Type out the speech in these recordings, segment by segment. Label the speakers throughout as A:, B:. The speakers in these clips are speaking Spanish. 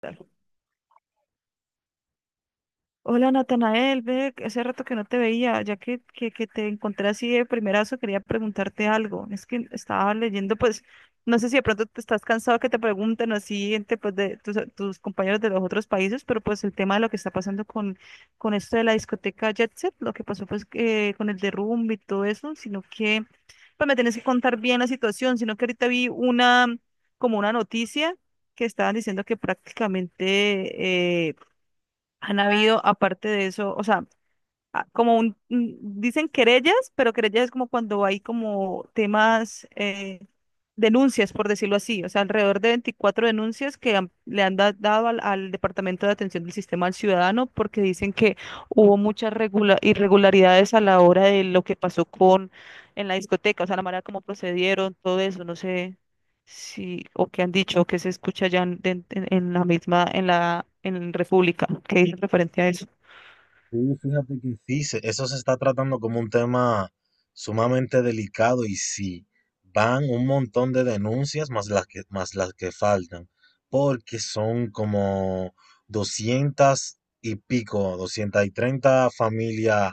A: Tal? Hola Natanael, ve, hace rato que no te veía, ya que te encontré así de primerazo, quería preguntarte algo. Es que estaba leyendo, pues, no sé si de pronto te estás cansado que te pregunten así entre pues, de tus compañeros de los otros países, pero pues el tema de lo que está pasando con esto de la discoteca Jet Set, lo que pasó pues que con el derrumbe y todo eso, sino que pues me tienes que contar bien la situación, sino que ahorita vi una, como una noticia que estaban diciendo que prácticamente, han habido, aparte de eso, o sea, ah, como dicen querellas, pero querellas es como cuando hay como temas, denuncias, por decirlo así, o sea, alrededor de 24 denuncias dado al Departamento de Atención del Sistema al Ciudadano porque dicen que hubo muchas irregularidades a la hora de lo que pasó con en la discoteca, o sea, la manera como procedieron, todo eso, no sé si, o qué han dicho, o qué se escucha ya en, en la misma, en la, en República, que dice referente a eso.
B: Sí, fíjate que sí, eso se está tratando como un tema sumamente delicado y sí, van un montón de denuncias más las que faltan, porque son como 200 y pico, 230 familias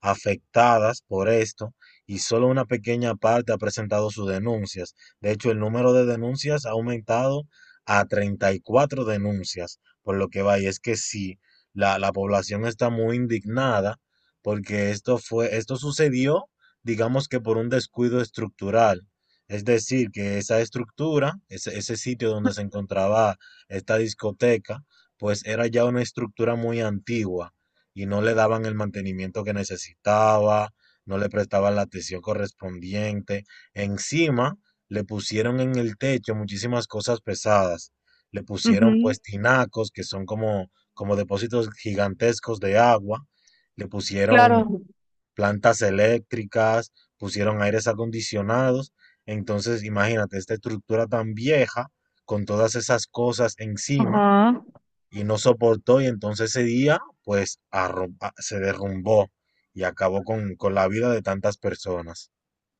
B: afectadas por esto y solo una pequeña parte ha presentado sus denuncias. De hecho, el número de denuncias ha aumentado a 34 denuncias, por lo que vaya, es que sí la población está muy indignada porque esto fue, esto sucedió, digamos que por un descuido estructural. Es decir, que esa estructura, ese sitio donde se encontraba esta discoteca, pues era ya una estructura muy antigua y no le daban el mantenimiento que necesitaba, no le prestaban la atención correspondiente. Encima, le pusieron en el techo muchísimas cosas pesadas. Le pusieron
A: Ujú.
B: pues tinacos, que son como depósitos gigantescos de agua, le pusieron
A: Claro.
B: plantas eléctricas, pusieron aires acondicionados. Entonces, imagínate, esta estructura tan vieja, con todas esas cosas encima,
A: Ajá.
B: y no soportó, y entonces ese día, pues, se derrumbó y acabó con la vida de tantas personas.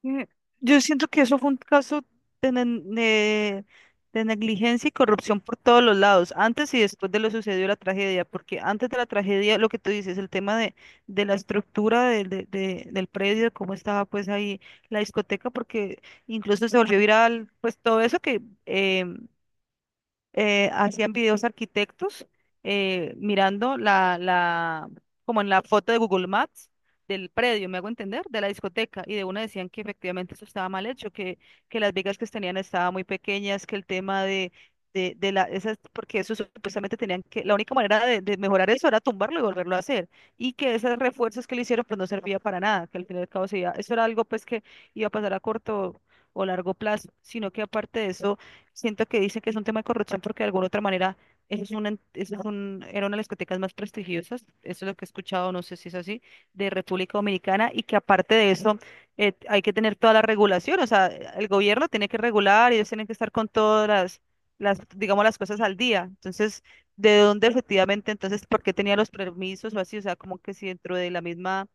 A: Eh, yo siento que eso fue un caso de, ne- de- de negligencia y corrupción por todos los lados, antes y después de lo sucedido la tragedia, porque antes de la tragedia, lo que tú dices, el tema de la estructura del predio, de cómo estaba pues ahí la discoteca, porque incluso se volvió viral, pues todo eso que hacían videos arquitectos, mirando como en la foto de Google Maps del predio, me hago entender, de la discoteca, y de una decían que efectivamente eso estaba mal hecho, que, las vigas que tenían estaban muy pequeñas, que el tema de, la, esas, porque eso supuestamente tenían que, la única manera de mejorar eso era tumbarlo y volverlo a hacer, y que esos refuerzos que le hicieron pues no servía para nada, que al fin y al cabo eso era algo pues que iba a pasar a corto o largo plazo, sino que aparte de eso. Siento que dicen que es un tema de corrupción porque de alguna otra manera eso es una, eso es un, era una de las discotecas más prestigiosas, eso es lo que he escuchado, no sé si es así, de República Dominicana y que aparte de eso, hay que tener toda la regulación, o sea, el gobierno tiene que regular y ellos tienen que estar con todas las, digamos, las cosas al día. Entonces, ¿de dónde efectivamente, entonces, por qué tenía los permisos o así? O sea, como que si dentro de la misma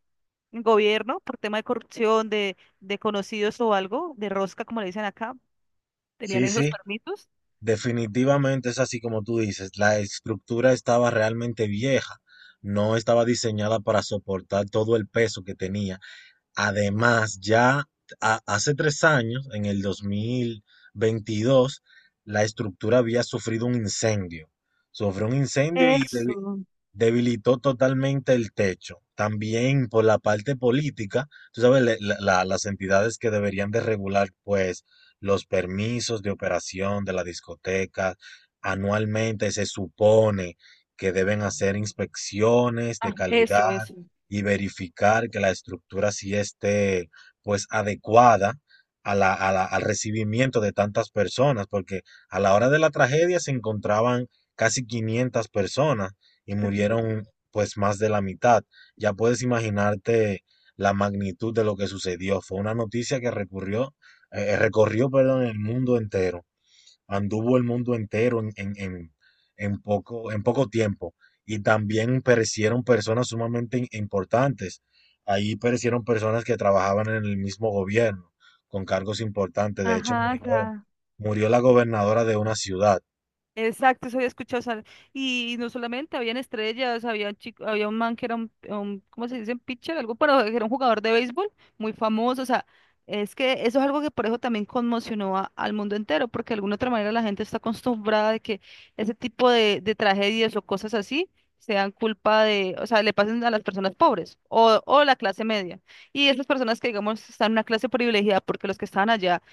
A: gobierno, por tema de corrupción, de conocidos o algo, de rosca, como le dicen acá, tenían
B: Sí,
A: esos
B: sí,
A: permisos.
B: definitivamente es así como tú dices, la estructura estaba realmente vieja, no estaba diseñada para soportar todo el peso que tenía. Además, ya hace 3 años, en el 2022, la estructura había sufrido un incendio. Sufrió un incendio y
A: Eso,
B: debilitó totalmente el techo. También por la parte política, tú sabes, las entidades que deberían de regular, pues, los permisos de operación de la discoteca, anualmente se supone que deben hacer inspecciones de
A: ah, eso,
B: calidad
A: eso.
B: y verificar que la estructura sí esté, pues, adecuada al recibimiento de tantas personas, porque a la hora de la tragedia se encontraban casi 500 personas y
A: impres-
B: murieron pues más de la mitad. Ya puedes imaginarte la magnitud de lo que sucedió. Fue una noticia que recorrió, perdón, el mundo entero. Anduvo el mundo entero en poco tiempo. Y también perecieron personas sumamente importantes. Ahí perecieron personas que trabajaban en el mismo gobierno, con cargos importantes. De hecho,
A: Ajá, acá.
B: murió la gobernadora de una ciudad.
A: Exacto, eso había escuchado. O sea, y no solamente habían estrellas, había un chico, había un man que era ¿cómo se dice? Un Pitcher, algo, pero era un jugador de béisbol muy famoso. O sea, es que eso es algo que por eso también conmocionó al mundo entero, porque de alguna otra manera la gente está acostumbrada de que ese tipo de tragedias o cosas así sean culpa de, o sea, le pasen a las personas pobres o la clase media. Y esas personas que, digamos, están en una clase privilegiada, porque los que estaban allá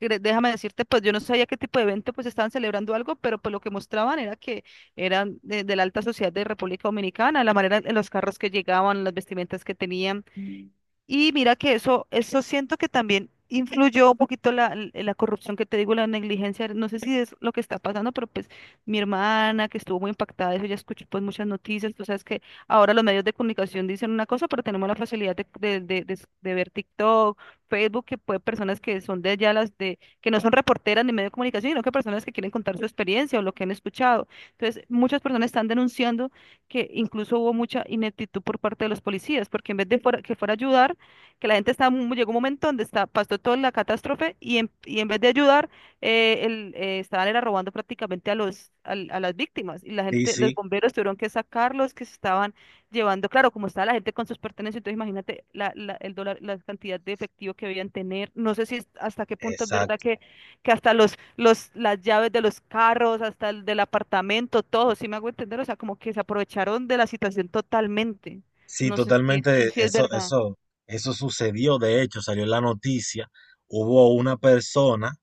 A: déjame decirte, pues yo no sabía qué tipo de evento pues estaban celebrando algo, pero pues lo que mostraban era que eran de la alta sociedad de República Dominicana, la manera en los carros que llegaban, las vestimentas que tenían. Mm. Y mira que eso siento que también influyó un poquito la, la corrupción que te digo, la negligencia, no sé si es lo que está pasando, pero pues mi hermana que estuvo muy impactada de eso, ya escuchó pues muchas noticias, tú sabes que ahora los medios de comunicación dicen una cosa, pero tenemos la facilidad de ver TikTok, Facebook, que puede personas que son de allá, las de, que no son reporteras ni medio de comunicación, sino que personas que quieren contar su experiencia o lo que han escuchado. Entonces, muchas personas están denunciando que incluso hubo mucha ineptitud por parte de los policías, porque en vez que fuera a ayudar, que la gente llegó un momento donde está, pasó toda la catástrofe y y en vez de ayudar, estaban era robando prácticamente a a las víctimas y la
B: Sí,
A: gente, los
B: sí,
A: bomberos tuvieron que sacarlos que se estaban llevando, claro, como estaba la gente con sus pertenencias, entonces imagínate el dólar, la cantidad de efectivo que debían tener. No sé si hasta qué punto es verdad
B: exacto.
A: que, hasta las llaves de los carros, hasta el del apartamento, todo, si me hago entender, o sea, como que se aprovecharon de la situación totalmente.
B: Sí,
A: No sé si,
B: totalmente,
A: si es
B: eso,
A: verdad.
B: eso, eso sucedió, de hecho, salió en la noticia, hubo una persona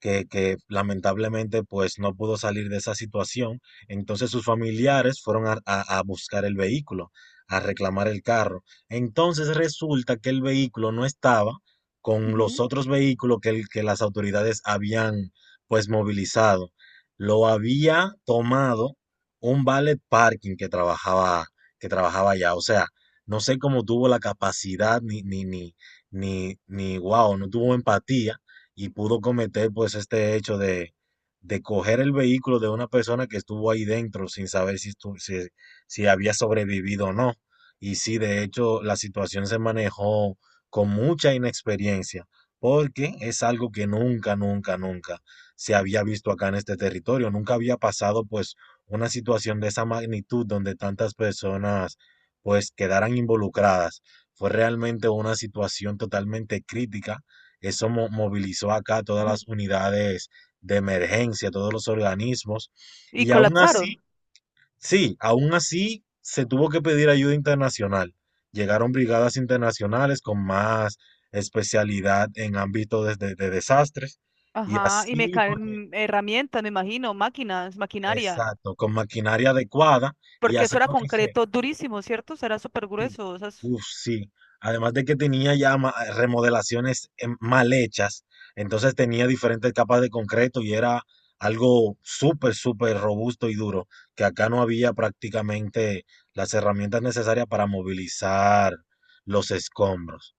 B: que lamentablemente pues no pudo salir de esa situación. Entonces sus familiares fueron a buscar el vehículo, a reclamar el carro. Entonces resulta que el vehículo no estaba con los
A: Ujú.
B: otros vehículos que las autoridades habían pues movilizado. Lo había tomado un valet parking que trabajaba allá. O sea, no sé cómo tuvo la capacidad ni, ni, ni, ni, ni, wow, no tuvo empatía y pudo cometer pues este hecho de coger el vehículo de una persona que estuvo ahí dentro sin saber si, si había sobrevivido o no. Y sí, de hecho, la situación se manejó con mucha inexperiencia, porque es algo que nunca, nunca, nunca se había visto acá en este territorio. Nunca había pasado pues una situación de esa magnitud donde tantas personas pues quedaran involucradas. Fue realmente una situación totalmente crítica. Eso movilizó acá todas las unidades de emergencia, todos los organismos.
A: Y
B: Y aún así,
A: colapsaron.
B: sí, aún así se tuvo que pedir ayuda internacional. Llegaron brigadas internacionales con más especialidad en ámbito de desastres. Y
A: Ajá, y me
B: así fue que
A: caen herramientas, me imagino, máquinas, maquinaria,
B: exacto, con maquinaria adecuada. Y
A: porque
B: así
A: eso era
B: fue que se,
A: concreto durísimo, ¿cierto? Eso era súper
B: sí.
A: grueso.
B: Uf, sí. Además de que tenía ya remodelaciones mal hechas, entonces tenía diferentes capas de concreto y era algo súper, súper robusto y duro, que acá no había prácticamente las herramientas necesarias para movilizar los escombros.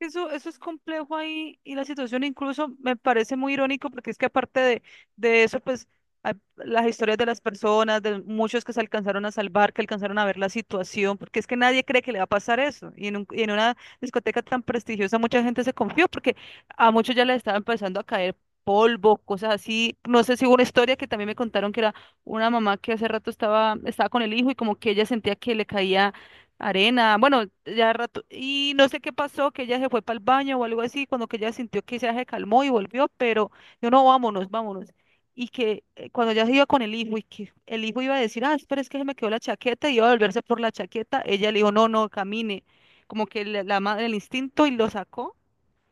A: Eso es complejo ahí y la situación incluso me parece muy irónico porque es que aparte de eso, pues hay las historias de las personas, de muchos que se alcanzaron a salvar, que alcanzaron a ver la situación, porque es que nadie cree que le va a pasar eso. Y en una discoteca tan prestigiosa mucha gente se confió porque a muchos ya les estaba empezando a caer polvo, cosas así. No sé si hubo una historia que también me contaron que era una mamá que hace rato estaba con el hijo y como que ella sentía que le caía arena, bueno, ya rato, y no sé qué pasó, que ella se fue para el baño o algo así, cuando que ella sintió que ya se calmó y volvió, pero yo no, vámonos, vámonos. Y que cuando ya se iba con el hijo y que el hijo iba a decir, ah, espera, es que se me quedó la chaqueta y iba a volverse por la chaqueta, ella le dijo, no, no, camine, como que la madre, el instinto y lo sacó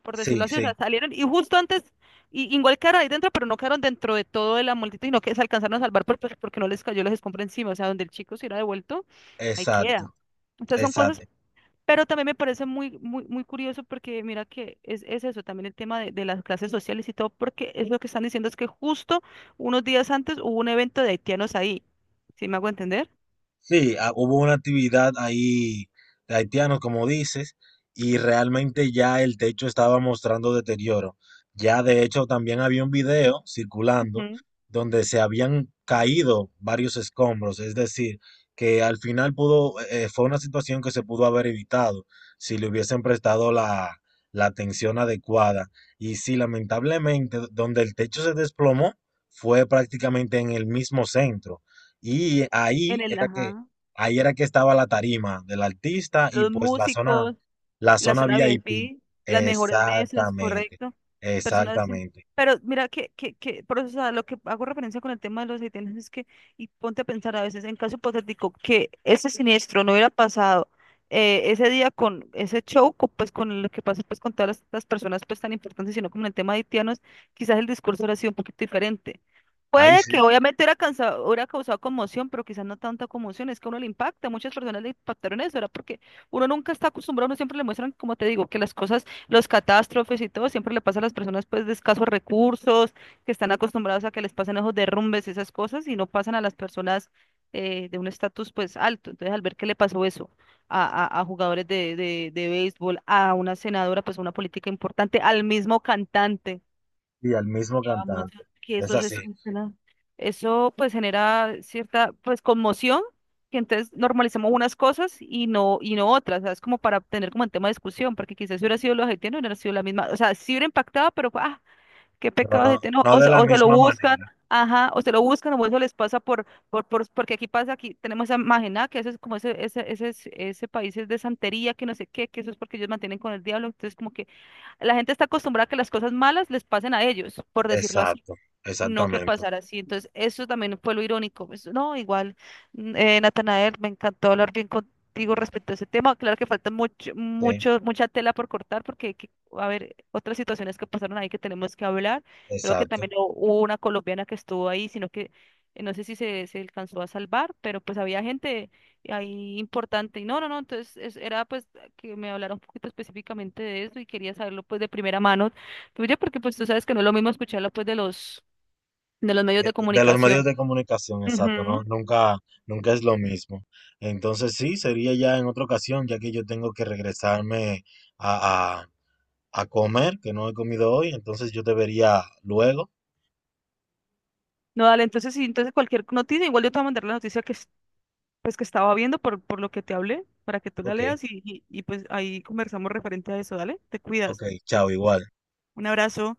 A: por decirlo
B: Sí,
A: así, o sea,
B: sí,
A: salieron y justo antes, y, igual quedaron ahí dentro, pero no quedaron dentro de todo de la multitud, sino que se alcanzaron a salvar porque no les cayó la escombros encima, o sea, donde el chico se hubiera devuelto, ahí
B: exacto,
A: queda. Entonces son cosas,
B: exacto.
A: pero también me parece muy, muy, muy curioso porque mira que es eso, también el tema de las clases sociales y todo, porque es lo que están diciendo es que justo unos días antes hubo un evento de haitianos ahí, ¿sí me hago entender?
B: Sí, ah, hubo una actividad ahí de haitianos, como dices, y realmente ya el techo estaba mostrando deterioro. Ya de hecho también había un video circulando
A: Ujú.
B: donde se habían caído varios escombros, es decir, que al final pudo, fue una situación que se pudo haber evitado si le hubiesen prestado la atención adecuada. Y sí, lamentablemente, donde el techo se desplomó fue prácticamente en el mismo centro. Y
A: En
B: ahí
A: el,
B: era que
A: ajá,
B: ahí era que estaba la tarima del artista y
A: los
B: pues
A: músicos.
B: la
A: La
B: zona
A: zona
B: VIP.
A: VIP, las mejores mesas,
B: Exactamente,
A: correcto. Personas,
B: exactamente.
A: pero mira que por eso, o sea, lo que hago referencia con el tema de los haitianos es que, y ponte a pensar a veces, en caso hipotético, que ese siniestro no hubiera pasado, ese día con ese show, pues con lo que pasa pues con todas las personas pues tan importantes, sino como en el tema de haitianos, quizás el discurso hubiera sido un poquito diferente.
B: Ahí
A: Puede
B: sí,
A: que obviamente hubiera causado conmoción, pero quizás no tanta conmoción, es que a uno le impacta, muchas personas le impactaron eso, era porque uno nunca está acostumbrado, uno siempre le muestran, como te digo, que las cosas, los catástrofes y todo, siempre le pasa a las personas pues de escasos recursos, que están acostumbrados a que les pasen esos derrumbes, esas cosas, y no pasan a las personas, de un estatus pues alto. Entonces, al ver que le pasó eso a, a jugadores de béisbol, a una senadora, pues una política importante, al mismo cantante
B: y al mismo
A: llevamos
B: cantante.
A: que
B: Es
A: eso
B: así,
A: eso pues genera cierta pues conmoción que entonces normalizamos unas cosas y no otras, ¿sabes? Como para tener como el tema de discusión, porque quizás si hubiera sido los haitianos, no hubiera sido la misma, o sea, sí hubiera impactado, pero ah, ¿qué
B: pero
A: pecados
B: no,
A: de no,
B: no
A: o,
B: de la
A: o se lo
B: misma
A: buscan,
B: manera.
A: ajá, o se lo buscan, o eso les pasa porque aquí pasa, aquí tenemos a Magená, que eso es como ese país es de santería, que no sé qué, que eso es porque ellos mantienen con el diablo, entonces como que la gente está acostumbrada a que las cosas malas les pasen a ellos, por decirlo así.
B: Exacto,
A: No que
B: exactamente.
A: pasara así. Entonces, eso también fue lo irónico. Pues, no, igual, Natanael, me encantó hablar bien contigo respecto a ese tema. Claro que falta mucho,
B: Sí,
A: mucho, mucha tela por cortar porque hay que, a ver, otras situaciones que pasaron ahí que tenemos que hablar. Creo que
B: exacto.
A: también hubo una colombiana que estuvo ahí, sino que no sé si se alcanzó a salvar, pero pues había gente ahí importante. Y no, no, no, entonces era pues que me hablara un poquito específicamente de eso y quería saberlo pues de primera mano tuya porque pues tú sabes que no es lo mismo escucharlo pues de los medios de
B: De los medios
A: comunicación.
B: de comunicación, exacto, ¿no?
A: Ujú.
B: Nunca, nunca es lo mismo. Entonces sí, sería ya en otra ocasión, ya que yo tengo que regresarme a, a a comer, que no he comido hoy, entonces yo debería luego.
A: No, dale, entonces sí, entonces cualquier noticia, igual yo te voy a mandar la noticia que, pues, que estaba viendo por lo que te hablé, para que tú la
B: Ok,
A: leas y, pues ahí conversamos referente a eso, dale, te
B: ok,
A: cuidas. un
B: chao, igual.
A: un abrazo.